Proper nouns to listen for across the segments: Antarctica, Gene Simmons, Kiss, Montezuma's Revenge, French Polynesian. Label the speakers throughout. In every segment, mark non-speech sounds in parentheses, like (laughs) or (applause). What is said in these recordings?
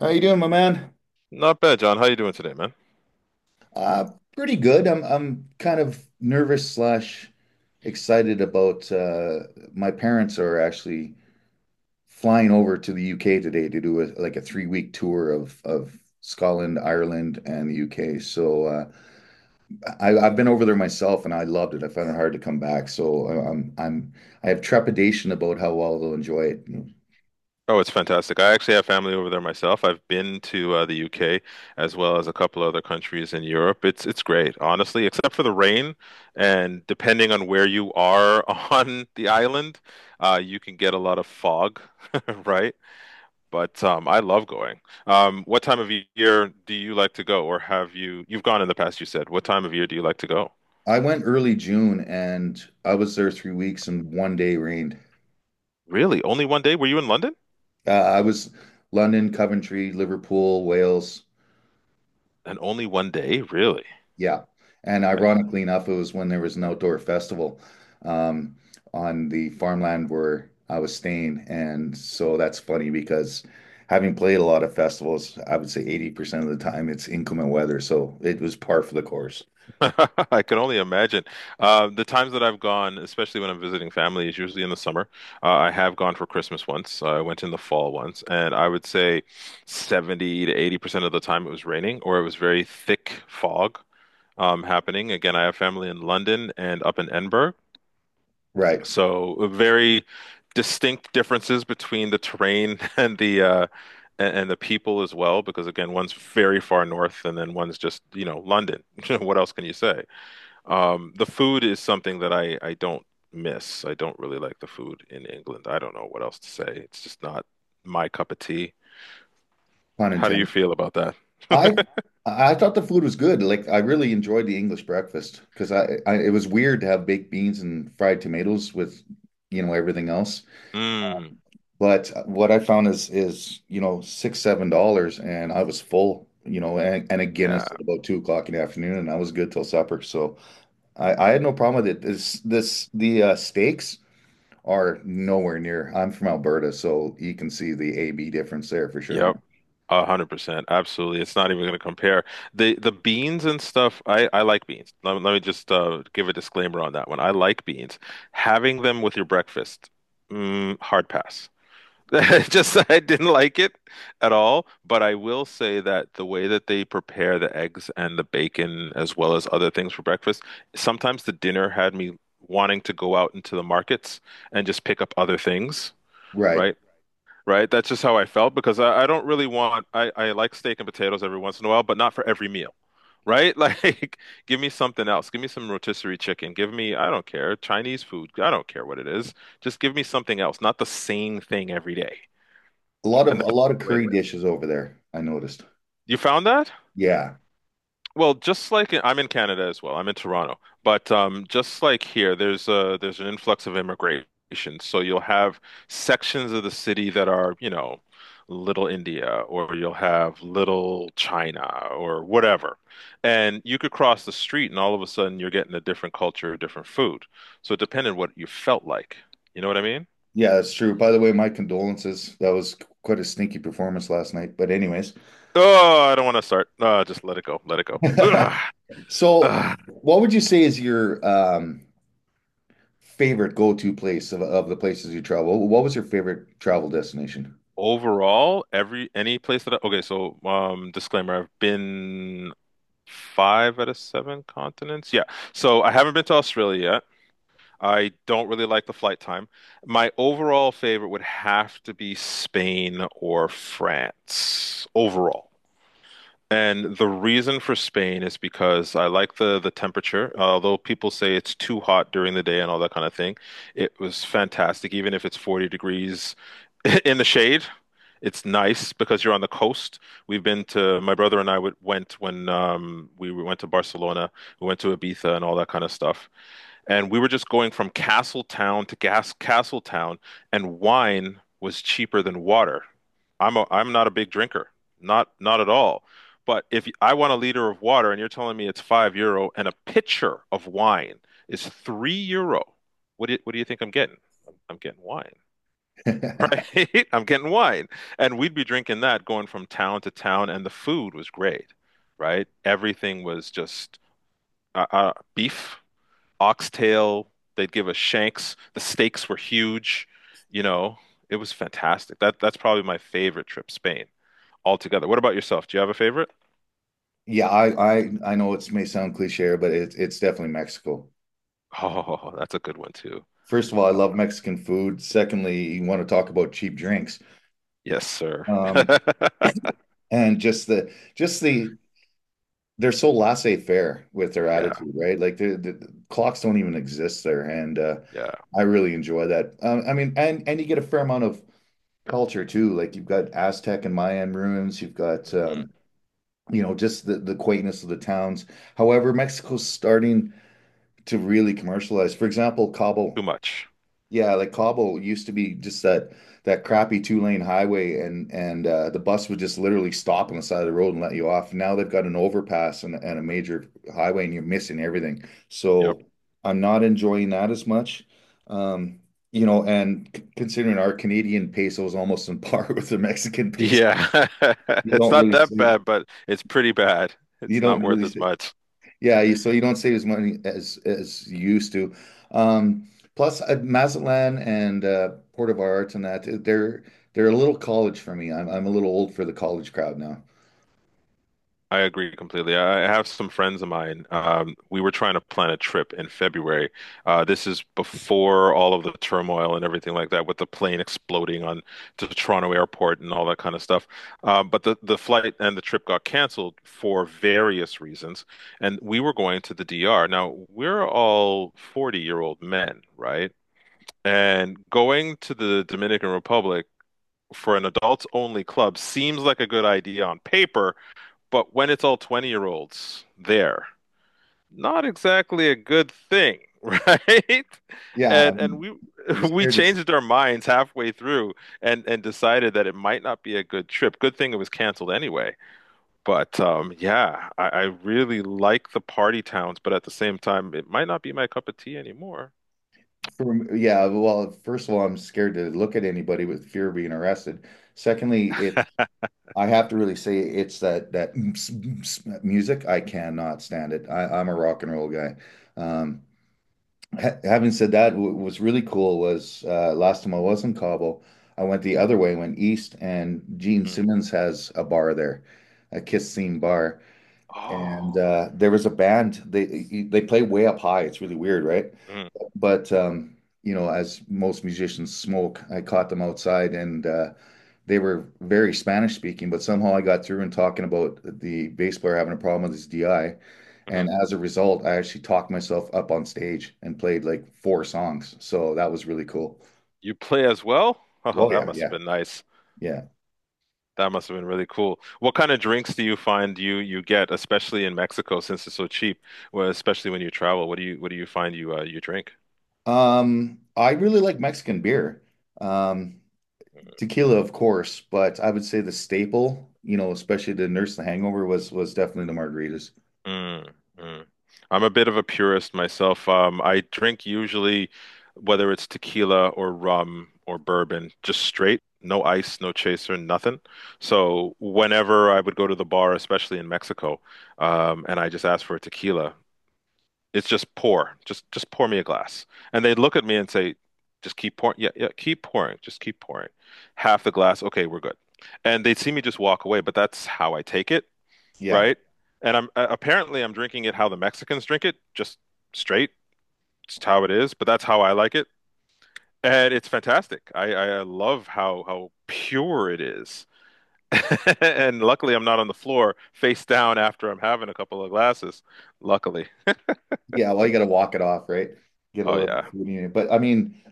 Speaker 1: How you doing, my man?
Speaker 2: Not bad, John. How you doing today, man?
Speaker 1: Uh, Pretty good. I'm kind of nervous slash excited about my parents are actually flying over to the UK today to do a like a 3 week tour of Scotland, Ireland, and the UK. So I've been over there myself and I loved it. I found it hard to come back. So I I have trepidation about how well they'll enjoy it.
Speaker 2: Oh, it's fantastic. I actually have family over there myself. I've been to the UK as well as a couple other countries in Europe. It's great, honestly, except for the rain. And depending on where you are (laughs) on the island, you can get a lot of fog, (laughs) right? But I love going. What time of year do you like to go, or have you you've gone in the past, you said. What time of year do you like to go?
Speaker 1: I went early June and I was there 3 weeks and one day rained.
Speaker 2: Really? Only 1 day? Were you in London?
Speaker 1: I was London, Coventry, Liverpool, Wales.
Speaker 2: And only 1 day? Really?
Speaker 1: Yeah. And ironically enough, it was when there was an outdoor festival um, on the farmland where I was staying. And so that's funny because having played a lot of festivals, I would say 80% of the time it's inclement weather. So it was par for the course.
Speaker 2: (laughs) I can only imagine. The times that I've gone, especially when I'm visiting family, is usually in the summer. I have gone for Christmas once. I went in the fall once, and I would say 70 to 80% of the time it was raining or it was very thick fog happening. Again, I have family in London and up in Edinburgh,
Speaker 1: Right.
Speaker 2: so very distinct differences between the terrain (laughs) and the and the people as well, because again, one's very far north, and then one's just, you know, London. (laughs) What else can you say? The food is something that I don't miss. I don't really like the food in England. I don't know what else to say. It's just not my cup of tea.
Speaker 1: Pun
Speaker 2: How do you
Speaker 1: intended.
Speaker 2: feel about that?
Speaker 1: I
Speaker 2: (laughs)
Speaker 1: I thought the food was good. Like I really enjoyed the English breakfast because I, it was weird to have baked beans and fried tomatoes with, you know, everything else.
Speaker 2: Mm,
Speaker 1: But what I found is you know six seven dollars, and I was full. You know, and a Guinness
Speaker 2: yeah.
Speaker 1: at about 2 o'clock in the afternoon, and I was good till supper. So I had no problem with it. This the steaks are nowhere near. I'm from Alberta, so you can see the AB difference there for
Speaker 2: Yep.
Speaker 1: sure.
Speaker 2: 100%. Absolutely. It's not even going to compare. The beans and stuff, I like beans. Let me just give a disclaimer on that one. I like beans. Having them with your breakfast, hard pass. (laughs) Just I didn't like it at all, but I will say that the way that they prepare the eggs and the bacon as well as other things for breakfast, sometimes the dinner had me wanting to go out into the markets and just pick up other things,
Speaker 1: Right.
Speaker 2: right? Right? That's just how I felt because I don't really want I like steak and potatoes every once in a while, but not for every meal. Right? (laughs) Like, give me something else. Give me some rotisserie chicken. Give me, I don't care, Chinese food. I don't care what it is. Just give me something else, not the same thing every day. And
Speaker 1: A
Speaker 2: that's
Speaker 1: lot of
Speaker 2: the way it
Speaker 1: curry
Speaker 2: is.
Speaker 1: dishes over there, I noticed.
Speaker 2: You found that?
Speaker 1: Yeah.
Speaker 2: Well, just like I'm in Canada as well. I'm in Toronto, but just like here, there's an influx of immigration. So you'll have sections of the city that are, you know, Little India, or you'll have Little China, or whatever. And you could cross the street, and all of a sudden you're getting a different culture, different food. So it depended what you felt like. You know what I mean?
Speaker 1: Yeah, that's true. By the way, my condolences. That was quite a stinky performance last night. But anyways.
Speaker 2: Oh, I don't want to start. Just let it go. Let it go. Ugh.
Speaker 1: (laughs) So,
Speaker 2: Ugh.
Speaker 1: what would you say is your favorite go-to place of the places you travel? What was your favorite travel destination?
Speaker 2: Overall, every any place that I, okay, so disclaimer, I've been five out of seven continents. Yeah. So I haven't been to Australia yet. I don't really like the flight time. My overall favorite would have to be Spain or France overall. And the reason for Spain is because I like the temperature. Although people say it's too hot during the day and all that kind of thing, it was fantastic. Even if it's 40 degrees (laughs) in the shade, it's nice because you're on the coast. We've been to my brother and I would, went when we went to Barcelona. We went to Ibiza and all that kind of stuff and we were just going from castle town to gas castle town, and wine was cheaper than water. I'm not a big drinker, not at all. But if I want a liter of water and you're telling me it's €5 and a pitcher of wine is €3, what do you think I'm getting? I'm getting wine, (laughs)
Speaker 1: (laughs)
Speaker 2: right? I'm getting wine, and we'd be drinking that going from town to town, and the food was great, right? Everything was just beef oxtail. They'd give us shanks. The steaks were huge. You know, it was fantastic. That's probably my favorite trip, Spain, altogether. What about yourself? Do you have a favorite? (laughs)
Speaker 1: Yeah, I know it may sound cliche, but it's definitely Mexico.
Speaker 2: Oh, that's a good one too.
Speaker 1: First of all, I
Speaker 2: Uh,
Speaker 1: love Mexican food. Secondly, you want to talk about cheap drinks.
Speaker 2: Yes, sir.
Speaker 1: Um,
Speaker 2: (laughs)
Speaker 1: and just the they're so laissez-faire with their
Speaker 2: Yeah,
Speaker 1: attitude, right? Like the clocks don't even exist there, and
Speaker 2: yeah.
Speaker 1: I really enjoy that. I mean, and you get a fair amount of culture too. Like you've got Aztec and Mayan ruins, you've got
Speaker 2: Hmm.
Speaker 1: you know, just the quaintness of the towns. However, Mexico's starting to really commercialize. For example,
Speaker 2: Too
Speaker 1: Cabo,
Speaker 2: much.
Speaker 1: yeah, like Cobble used to be just that that crappy two-lane highway, and the bus would just literally stop on the side of the road and let you off. Now they've got an overpass and a major highway, and you're missing everything.
Speaker 2: Yep.
Speaker 1: So I'm not enjoying that as much, um, you know. Considering our Canadian peso is almost on par (laughs) with the Mexican peso,
Speaker 2: Yeah. (laughs)
Speaker 1: you
Speaker 2: It's
Speaker 1: don't
Speaker 2: not
Speaker 1: really
Speaker 2: that
Speaker 1: see
Speaker 2: bad, but it's pretty bad.
Speaker 1: you
Speaker 2: It's not
Speaker 1: don't
Speaker 2: worth
Speaker 1: really
Speaker 2: as
Speaker 1: see,
Speaker 2: much.
Speaker 1: yeah, you- so you don't save as money as you used to. Um, plus, Mazatlan and Port of Arts and that they're a little college for me. I'm a little old for the college crowd now.
Speaker 2: I agree completely. I have some friends of mine. We were trying to plan a trip in February. This is before all of the turmoil and everything like that, with the plane exploding on to the Toronto airport and all that kind of stuff. But the flight and the trip got canceled for various reasons. And we were going to the DR. Now, we're all 40-year-old men, right? And going to the Dominican Republic for an adults-only club seems like a good idea on paper but when it's all 20-year-olds there, not exactly a good thing, (laughs) right?
Speaker 1: Yeah,
Speaker 2: And
Speaker 1: I'm,
Speaker 2: we
Speaker 1: you are
Speaker 2: (laughs) we
Speaker 1: scared to s-
Speaker 2: changed our minds halfway through and decided that it might not be a good trip. Good thing it was canceled anyway. But yeah, I really like the party towns, but at the same time, it might not be my cup of tea anymore.
Speaker 1: for yeah. Well, first of all, I'm scared to look at anybody with fear of being arrested. Secondly, it I have to really say it's that (tsk) music. I cannot stand it. I'm a rock and roll guy. Um, Having said that, what's really cool was last time I was in Cabo, I went the other way, went east, and Gene
Speaker 2: Mm.
Speaker 1: Simmons has a bar there, a Kiss themed bar, and
Speaker 2: Oh,
Speaker 1: there was a band. They play way up high. It's really weird, right?
Speaker 2: mm,
Speaker 1: But you know, as most musicians smoke, I caught them outside, and they were very Spanish speaking, but somehow I got through and talking about the bass player having a problem with his DI.
Speaker 2: mhm.
Speaker 1: And as a result, I actually talked myself up on stage and played like four songs. So that was really cool.
Speaker 2: You play as well? (laughs) Oh,
Speaker 1: Oh,
Speaker 2: that
Speaker 1: yeah,
Speaker 2: must have
Speaker 1: yeah,
Speaker 2: been nice.
Speaker 1: yeah.
Speaker 2: That must have been really cool. What kind of drinks do you find you get, especially in Mexico, since it's so cheap? Well, especially when you travel, what do you find you you drink?
Speaker 1: I really like Mexican beer. Um, Tequila, of course, but I would say the staple, you know, especially to nurse the hangover was definitely the margaritas.
Speaker 2: Mm, mm. I'm a bit of a purist myself. I drink usually whether it's tequila or rum or bourbon, just straight, no ice, no chaser, nothing. So whenever I would go to the bar, especially in Mexico, and I just asked for a tequila, it's just pour. Just pour me a glass. And they'd look at me and say, just keep pouring. Yeah, yeah, keep pouring. Just keep pouring. Half the glass. Okay, we're good. And they'd see me just walk away, but that's how I take it,
Speaker 1: Yeah.
Speaker 2: right? And I'm apparently I'm drinking it how the Mexicans drink it, just straight. It's how it is, but that's how I like it. And it's fantastic. I love how pure it is. (laughs) And luckily I'm not on the floor face down after I'm having a couple of glasses. Luckily.
Speaker 1: Yeah, well, you got to walk it off, right? Get a
Speaker 2: Oh
Speaker 1: little bit
Speaker 2: yeah,
Speaker 1: of food in it. But I mean,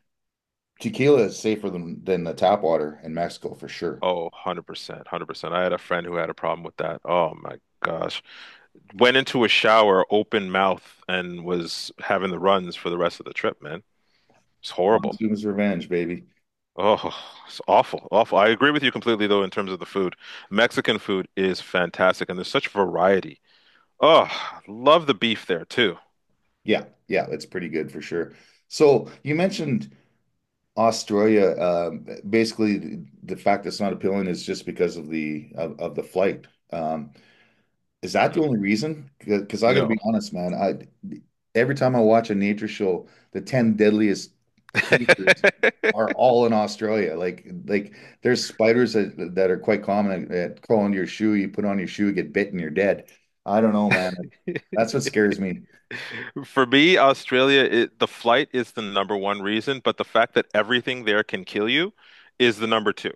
Speaker 1: Tequila is safer than the tap water in Mexico for sure.
Speaker 2: oh, 100%, 100%. I had a friend who had a problem with that. Oh my gosh. Went into a shower open mouth and was having the runs for the rest of the trip, man. It's horrible.
Speaker 1: Montezuma's Revenge, baby.
Speaker 2: Oh, it's awful, awful. I agree with you completely though in terms of the food. Mexican food is fantastic and there's such variety. Oh, love the beef there too.
Speaker 1: Yeah, yeah, it's pretty good for sure. So you mentioned Australia. Basically, the fact that it's not appealing is just because of the of the flight. Um, Is that the
Speaker 2: Mhm.
Speaker 1: only reason? Because I got to
Speaker 2: No.
Speaker 1: be honest, man. I every time I watch a nature show, the 10 deadliest creatures are
Speaker 2: (laughs)
Speaker 1: all in Australia. Like there's spiders that are quite common that crawl into your shoe. You put on your shoe, get bitten, you're dead. I don't know, man. That's what scares me.
Speaker 2: For me, Australia, the flight is the number one reason, but the fact that everything there can kill you is the number two.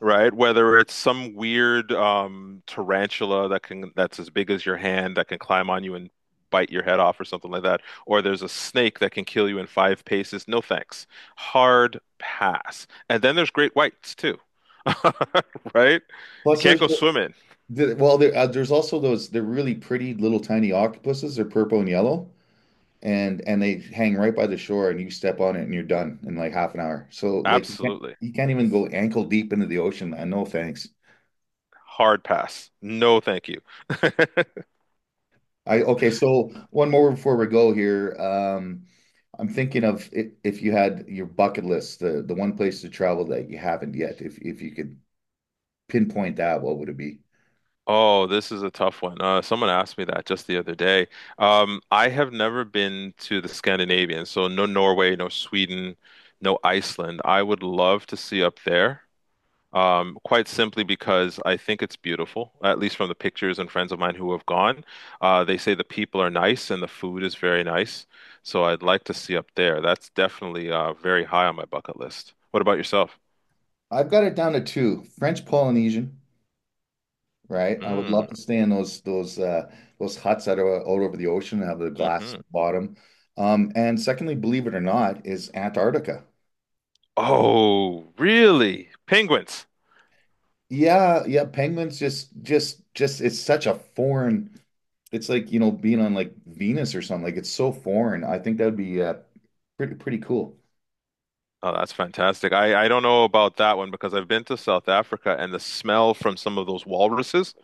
Speaker 2: Right? Whether it's some weird tarantula that's as big as your hand that can climb on you and bite your head off or something like that, or there's a snake that can kill you in five paces. No thanks. Hard pass. And then there's great whites too, (laughs) right? You
Speaker 1: Plus,
Speaker 2: can't
Speaker 1: there's,
Speaker 2: go swimming.
Speaker 1: well, there's also those. They're really pretty little tiny octopuses. They're purple and yellow. And they hang right by the shore and you step on it and you're done in like half an hour. So like you can't
Speaker 2: Absolutely.
Speaker 1: you can't even go ankle deep into the ocean, man. No thanks.
Speaker 2: Hard pass. No, thank you. (laughs)
Speaker 1: I okay, so one more before we go here. I'm thinking of if you had your bucket list, the one place to travel that you haven't yet, if you could pinpoint that, what would it be?
Speaker 2: Oh, this is a tough one. Someone asked me that just the other day. I have never been to the Scandinavian, so no Norway, no Sweden, no Iceland. I would love to see up there, quite simply because I think it's beautiful, at least from the pictures and friends of mine who have gone. They say the people are nice and the food is very nice, so I'd like to see up there. That's definitely very high on my bucket list. What about yourself?
Speaker 1: I've got it down to two, French Polynesian, right? I would love
Speaker 2: Mm,
Speaker 1: to stay in those huts that are out over the ocean and have the glass
Speaker 2: hmm.
Speaker 1: bottom. And secondly, believe it or not, is Antarctica.
Speaker 2: Oh, really? Penguins.
Speaker 1: Yeah, yeah, penguins just it's such a foreign. It's like, you know, being on like Venus or something. Like it's so foreign. I think that would be pretty cool.
Speaker 2: Oh, that's fantastic. I don't know about that one because I've been to South Africa and the smell from some of those walruses,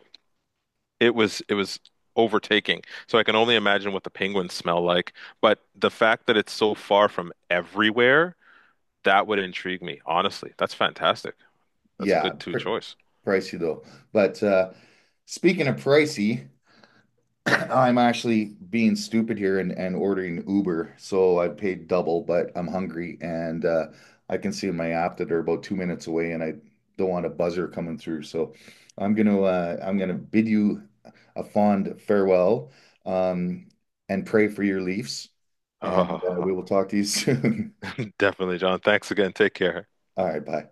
Speaker 2: it was overtaking. So I can only imagine what the penguins smell like. But the fact that it's so far from everywhere, that would intrigue me, honestly. That's fantastic. That's a
Speaker 1: Yeah,
Speaker 2: good two
Speaker 1: pr
Speaker 2: choice.
Speaker 1: pricey though. But speaking of pricey. (coughs) (clears throat) I'm actually being stupid here and ordering Uber. So I paid double, but I'm hungry and I can see in my app that they're about 2 minutes away and I don't want a buzzer coming through. So I'm gonna bid you a fond farewell, um, and pray for your Leafs. And we will talk to you (laughs) soon.
Speaker 2: (laughs) Definitely, John. Thanks again. Take care.
Speaker 1: All right, bye.